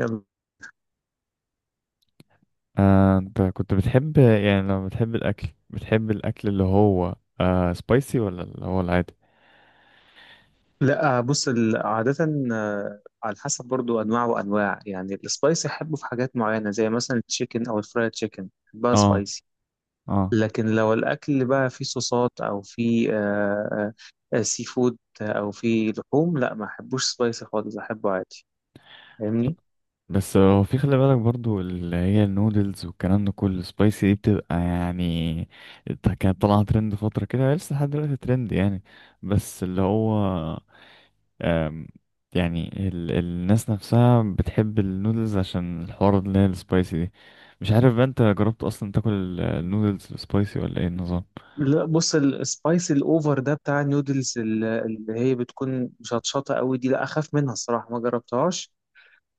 يلا انت كنت بتحب، يعني لو بتحب الاكل، بتحب الاكل اللي هو سبايسي ولا اللي هو العادي؟ لا، بص عادة. على حسب برضو أنواع وأنواع، يعني السبايسي أحبه في حاجات معينة زي مثلا التشيكن أو الفرايد تشيكن بقى اه. سبايسي. اه. لكن لو الأكل بقى فيه صوصات أو فيه سي فود أو فيه لحوم، لا ما أحبوش سبايسي خالص، أحبه عادي. فاهمني؟ بس هو في، خلي بالك برضو، اللي هي النودلز والكلام ده كله سبايسي دي بتبقى يعني كانت طالعة ترند فترة كده، هي لسه لحد دلوقتي ترند يعني. بس اللي هو آم، يعني الناس نفسها بتحب النودلز عشان الحوار اللي هي السبايسي دي. مش عارف بقى، انت جربت اصلا تاكل النودلز السبايسي ولا ايه النظام؟ لا بص، السبايسي الأوفر ده بتاع النودلز اللي هي بتكون مشطشطة قوي دي، لا أخاف منها الصراحة، ما جربتهاش.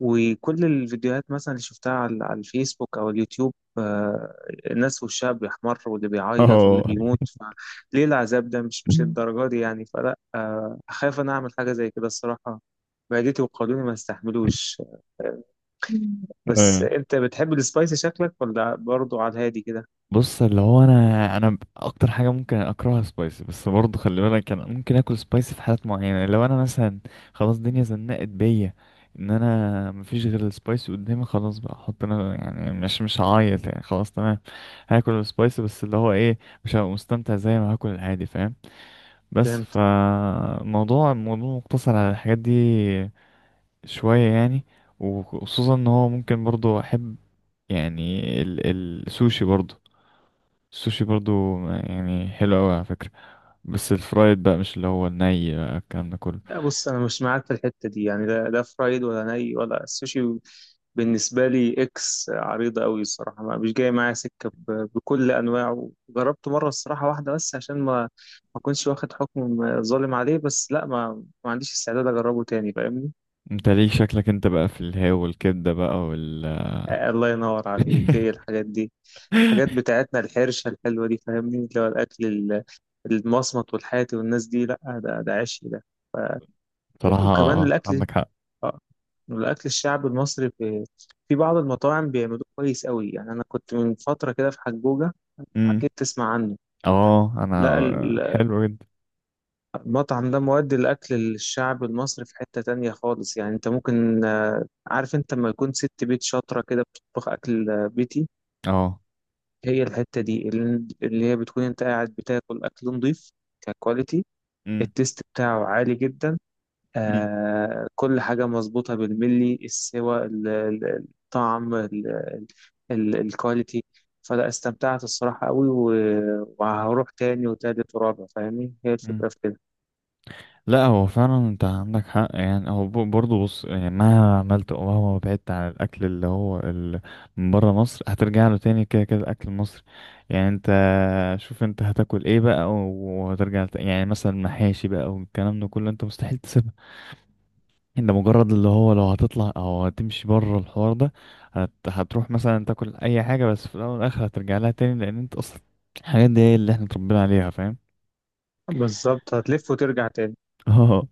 وكل الفيديوهات مثلا اللي شفتها على الفيسبوك او اليوتيوب، الناس وشها بيحمر واللي بيعيط اه. واللي بيموت. فليه العذاب ده؟ مش الدرجه دي يعني، فلا، اخاف انا اعمل حاجه زي كده الصراحه. معدتي وقولوني ما استحملوش. آه، بس انت بتحب السبايسي شكلك، ولا برضو على الهادي كده؟ بص اللي هو، انا انا اكتر حاجه ممكن اكرهها سبايسي، بس برضه خلي بالك، انا ممكن اكل سبايسي في حالات معينه، لو انا مثلا خلاص الدنيا زنقت بيا، ان انا مفيش غير السبايسي قدامي، خلاص بقى احط انا، يعني مش هعيط يعني، خلاص تمام. هاكل السبايسي، بس اللي هو ايه، مش هبقى مستمتع زي ما هاكل العادي، فاهم؟ بس فالموضوع، الموضوع مقتصر على الحاجات دي شويه يعني، وخصوصا ان هو ممكن برضه احب يعني السوشي برضه، السوشي برضو يعني حلو قوي على فكرة، بس الفرايد بقى، مش اللي هو الني بقى الكلام ده كله. لا بص، انا مش معاك في الحته دي يعني، لا لا فرايد ولا ني ولا السوشي. بالنسبه لي اكس عريضه قوي الصراحه، ما مش جاي معايا سكه، بكل انواعه جربته مره الصراحه واحده بس عشان ما، ما كنتش واخد حكم ظالم عليه، بس لا، ما عنديش استعداد اجربه تاني. فاهمني؟ انت ليه شكلك انت بقى في الهاو والكبدة بقى وال... الله ينور عليك، هي الحاجات دي. الحاجات بتاعتنا الحرشه الحلوه دي فاهمني، اللي هو الاكل المصمت والحاتي والناس دي، لا. ده عشي ده. وكمان بصراحة الاكل، عندك حق. اه الاكل الشعبي المصري في بعض المطاعم بيعملوه كويس قوي يعني. انا كنت من فتره كده في حجوجه، امم. اكيد تسمع عنه. اه انا. لا حلو جدا. المطعم ده مودي الاكل الشعبي المصري في حته تانية خالص يعني. انت ممكن، عارف انت لما يكون ست بيت شاطره كده بتطبخ اكل بيتي، اه. هي الحته دي اللي هي بتكون انت قاعد بتاكل اكل نضيف. ككواليتي التيست بتاعه عالي جدا، آه، كل حاجة مظبوطة بالملي، السوى الطعم الكواليتي. فلا، استمتعت الصراحة قوي، وهروح تاني وتالت ورابع فاهمني، هي الفكرة امم. في كده. لا هو فعلا انت عندك حق يعني، هو برضه، بص يعني مهما عملت او مهما بعدت عن الاكل اللي هو من بره مصر، هترجع له تاني، كده كده الاكل المصري. يعني انت شوف انت هتاكل ايه بقى، يعني مثلا محاشي بقى والكلام ده كله، انت مستحيل تسيبها. انت مجرد اللي هو لو هتطلع او هتمشي بره الحوار ده، هتروح مثلا تاكل اي حاجه، بس في الاول والاخر هترجع لها تاني، لان انت اصلا الحاجات دي هي اللي احنا اتربينا عليها، فاهم؟ بالظبط، هتلف وترجع تاني. اه.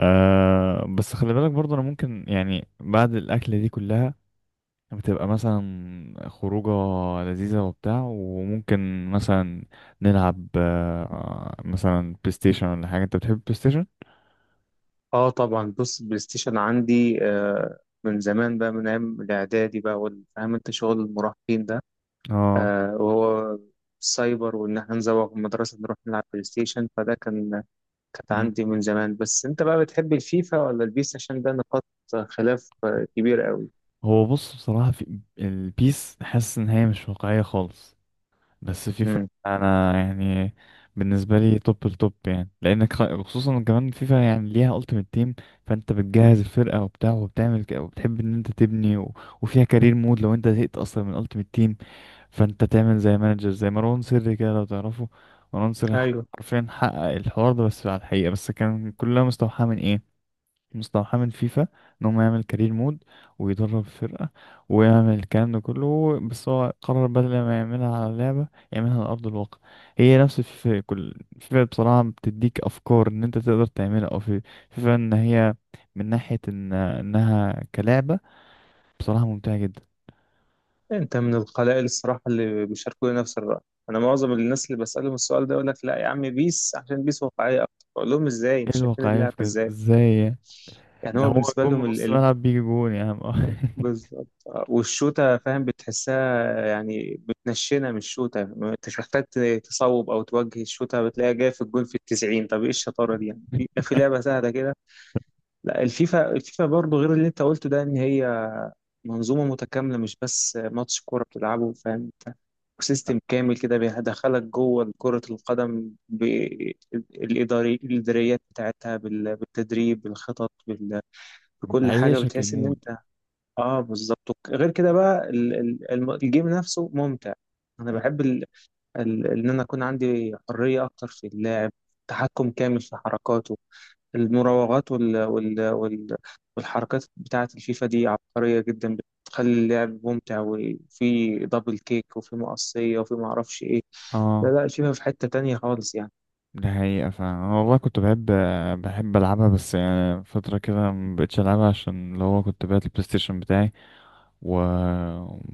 بس خلي بالك برضه، انا ممكن يعني بعد الاكله دي كلها بتبقى مثلا خروجه لذيذه وبتاع، وممكن مثلا نلعب مثلا بلاي ستيشن ولا حاجه. انت بتحب بلاي ستيشن؟ اه طبعا، بص البلاي ستيشن عندي من زمان بقى، من ايام الاعدادي بقى، فاهم انت شغل المراهقين ده، اه. وهو السايبر، وان احنا نزوق من المدرسة نروح نلعب بلاي ستيشن. فده كانت مم. عندي من زمان. بس انت بقى بتحب الفيفا ولا البيس؟ عشان ده نقاط خلاف كبير قوي. هو بص، بصراحه في البيس حاسس ان هي مش واقعيه خالص، بس فيفا امم، انا يعني بالنسبه لي توب التوب يعني، لانك خصوصا كمان فيفا يعني ليها التيمت تيم، فانت بتجهز الفرقه وبتاع، وبتعمل وبتحب ان انت تبني. و... وفيها كارير مود لو انت زهقت اصلا من التيمت تيم، فانت تعمل زي مانجر زي مروان سري كده لو تعرفه. مروان سري ايوه، حرفيا حقق الحوار ده، بس على الحقيقه، بس كان كلها مستوحاه من ايه؟ مستوحاه من فيفا، ان هو يعمل كارير مود ويدرب فرقة ويعمل الكلام ده كله، بس هو قرر بدل ما يعملها على لعبة يعملها على أرض الواقع. هي نفس فيفا، كل فيفا بصراحة بتديك أفكار إن أنت تقدر تعملها، أو في فيفا إن هي من ناحية إن إنها كلعبة بصراحة ممتعة جدا. انت من القلائل الصراحه اللي بيشاركوني نفس الراي. انا معظم الناس اللي بسالهم السؤال ده يقول لك لا يا عم، بيس عشان بيس واقعيه اكتر. بقول لهم ازاي؟ ايه مش شايفين الواقعية اللعبه في كده، ازاي ازاي يعني؟ يعني؟ ده هو هو بالنسبه جون لهم من ال... نص ال... ملعب بيجي جون يا عم. بالظبط. والشوته فاهم بتحسها يعني، بتنشنه من الشوته، ما انتش محتاج تصوب او توجه الشوته، بتلاقيها جايه في الجول في التسعين. طب ايه الشطاره دي يعني في لعبه سهله كده؟ لا، الفيفا برضه غير اللي انت قلته ده، ان هي منظومه متكامله، مش بس ماتش كوره بتلعبه. فاهم انت، وسيستم كامل كده بيدخلك جوه كره القدم، بالاداري الاداريات بتاعتها، بالتدريب، بالخطط، بكل حاجه. بيعيشك بتحس ان المود. انت، اه، بالظبط. غير كده بقى الجيم نفسه ممتع. انا بحب ان انا اكون عندي حريه اكتر في اللاعب، تحكم كامل في حركاته، المراوغات وال... وال... وال... والحركات بتاعه الفيفا دي عبقريه جدا، بتخلي اللعب ممتع، وفي دبل كيك وفي مقصيه وفي ما اعرفش ايه. لا اه. لا، الفيفا في حته تانية خالص يعني. ده حقيقة فعلا، أنا والله كنت بحب، بحب ألعبها، بس يعني فترة كده مبقتش ألعبها، عشان اللي هو كنت بعت البلاي ستيشن بتاعي و-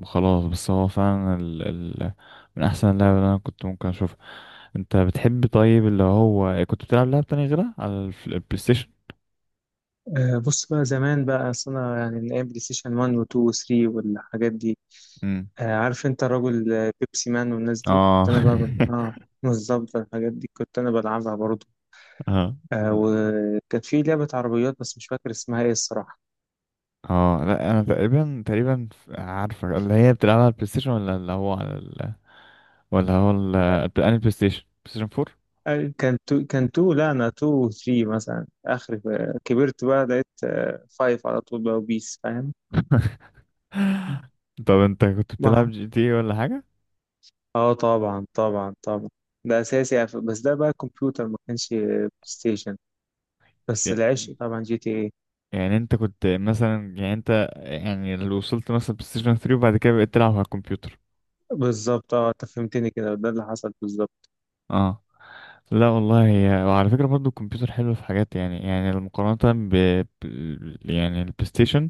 وخلاص. بس هو فعلا ال... ال... من أحسن اللعب اللي أنا كنت ممكن أشوفها. أنت بتحب طيب، اللي هو كنت بتلعب لعب تاني غيرها على البلاي ستيشن؟ بص بقى، زمان بقى، أصل انا يعني من ايام بلاي ستيشن 1 و2 و3 والحاجات دي، امم. آه، عارف انت الراجل، بيبسي مان والناس دي اه. كنت انا بقى من... اه، بالظبط، الحاجات دي كنت انا بلعبها برضه. اه. لا. وكانت في لعبة عربيات بس مش فاكر اسمها ايه الصراحة. اه لا، انا تقريبا، تقريبا عارفه اللي هي بتلعبها على البلاي ستيشن، ولا اللي هو على ولا هو البلاي، أنهي بلاي ستيشن، بلاي ستيشن كان تو، لا انا تو وثري مثلا، اخر كبرت بقى لقيت فايف على طول بقى وبيس. فاهم؟ 4؟ طب انت كنت بتلعب ما- جي تي اي ولا حاجة؟ اه طبعا طبعا طبعا، ده اساسي يعني. بس ده بقى كمبيوتر، ما كانش بلاي ستيشن. بس يعني، العشق طبعا جي تي ايه. يعني انت كنت مثلا، يعني انت يعني لو وصلت مثلا بلاي ستيشن 3 وبعد كده بقيت تلعب على الكمبيوتر. بالظبط، اه، انت فهمتني كده، ده اللي حصل بالظبط. اه. لا والله هي، وعلى فكرة برضو الكمبيوتر حلو في حاجات يعني، يعني المقارنة يعني البلاي ستيشن،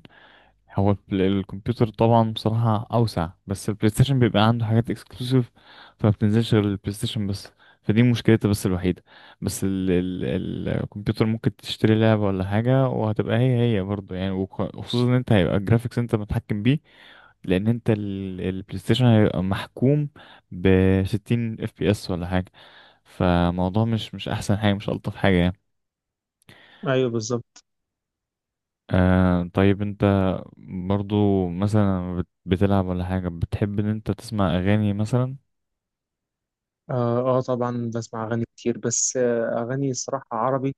هو الكمبيوتر طبعا بصراحة أوسع، بس البلاي ستيشن بيبقى عنده حاجات اكسكلوسيف، فما بتنزلش غير البلاي ستيشن بس، فدي مشكلتها بس الوحيدة. بس الكمبيوتر ممكن تشتري لعبة ولا حاجة وهتبقى هي برضه يعني، وخصوصا إن أنت هيبقى الجرافيكس أنت متحكم بيه، لأن أنت البلاي ستيشن هيبقى محكوم بستين اف بي اس ولا حاجة، فموضوع مش أحسن حاجة، مش ألطف حاجة يعني. ايوه بالظبط. آه طيب انت برضو مثلا بتلعب ولا حاجة، بتحب ان انت تسمع اغاني مثلا؟ اه، طبعا بسمع اغاني كتير، بس اغاني الصراحه عربي.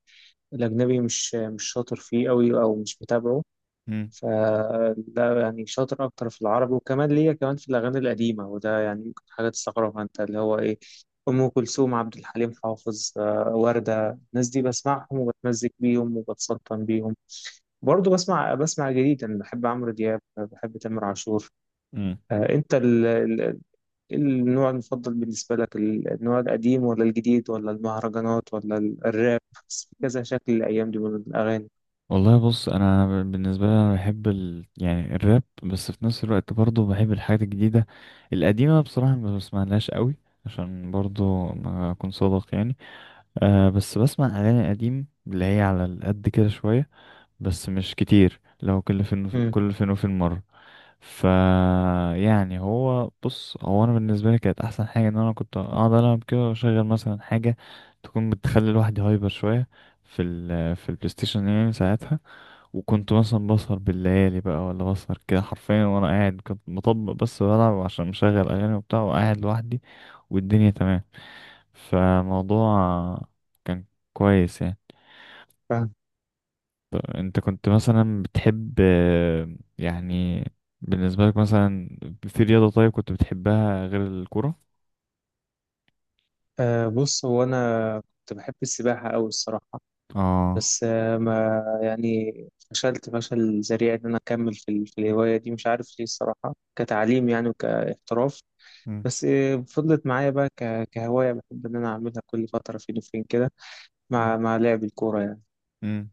الاجنبي مش شاطر فيه قوي او مش متابعه. مم. فده يعني شاطر أكتر في العربي، وكمان ليا كمان في الأغاني القديمة، وده يعني ممكن حاجة تستغربها أنت، اللي هو إيه، أم كلثوم، عبد الحليم حافظ، وردة، الناس دي بسمعهم وبتمزج بيهم وبتسلطن بيهم. برضه بسمع جديد، أنا بحب عمرو دياب، بحب تامر عاشور. مم. أنت إيه النوع المفضل بالنسبة لك؟ النوع القديم ولا الجديد ولا المهرجانات ولا الراب؟ بس في كذا شكل الأيام دي من الأغاني. والله بص، انا بالنسبة لي، انا بحب يعني الراب، بس في نفس الوقت برضو بحب الحاجات الجديدة. القديمة بصراحة ما بسمعلهاش قوي، عشان برضو ما اكون صادق يعني. آه بس بسمع اغاني قديم اللي هي على القد كده شوية، بس مش كتير، لو كل فين مم. كل فين وفين مرة. ف، يعني هو بص، هو انا بالنسبه لي كانت احسن حاجه ان انا كنت اقعد العب كده، واشغل مثلا حاجه تكون بتخلي الواحد هايبر شويه، في في البلاي ستيشن يعني ساعتها. وكنت مثلا بسهر بالليالي بقى، ولا بسهر كده حرفيا وانا قاعد، كنت مطبق بس بلعب، عشان مشغل اغاني وبتاع وقاعد لوحدي، والدنيا تمام. فالموضوع كان كويس يعني. انت كنت مثلا بتحب يعني بالنسبة لك مثلا، في رياضة طيب كنت بتحبها غير الكورة؟ أه بص، هو أنا كنت بحب السباحة أوي الصراحة، اه. بس أه، ما يعني، فشلت فشل ذريع إن أنا أكمل في، في الهواية دي، مش عارف ليه الصراحة، كتعليم يعني وكاحتراف. مم. بس فضلت معايا بقى كهواية، بحب إن أنا أعملها كل فترة فين وفين كده، مم. مع لعب الكورة يعني. مم.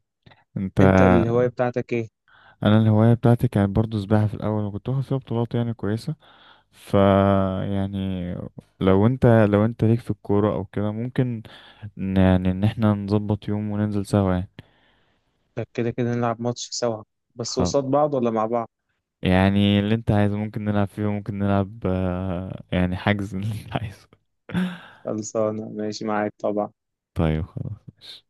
انت، أنت الهواية بتاعتك إيه؟ انا الهواية بتاعتي كانت برضو سباحة في الاول، وكنت واخد فيها بطولات يعني كويسة. ف، يعني لو انت، لو انت ليك في الكورة او كده، ممكن يعني ان احنا نظبط يوم وننزل سوا يعني. طب كده كده نلعب ماتش سوا، بس خلاص، قصاد بعض ولا مع بعض؟ يعني اللي انت عايزه، ممكن نلعب فيه، ممكن نلعب يعني حجز، اللي انت عايزه. خلصانة، ماشي معاك طبعا. طيب خلاص، ماشي.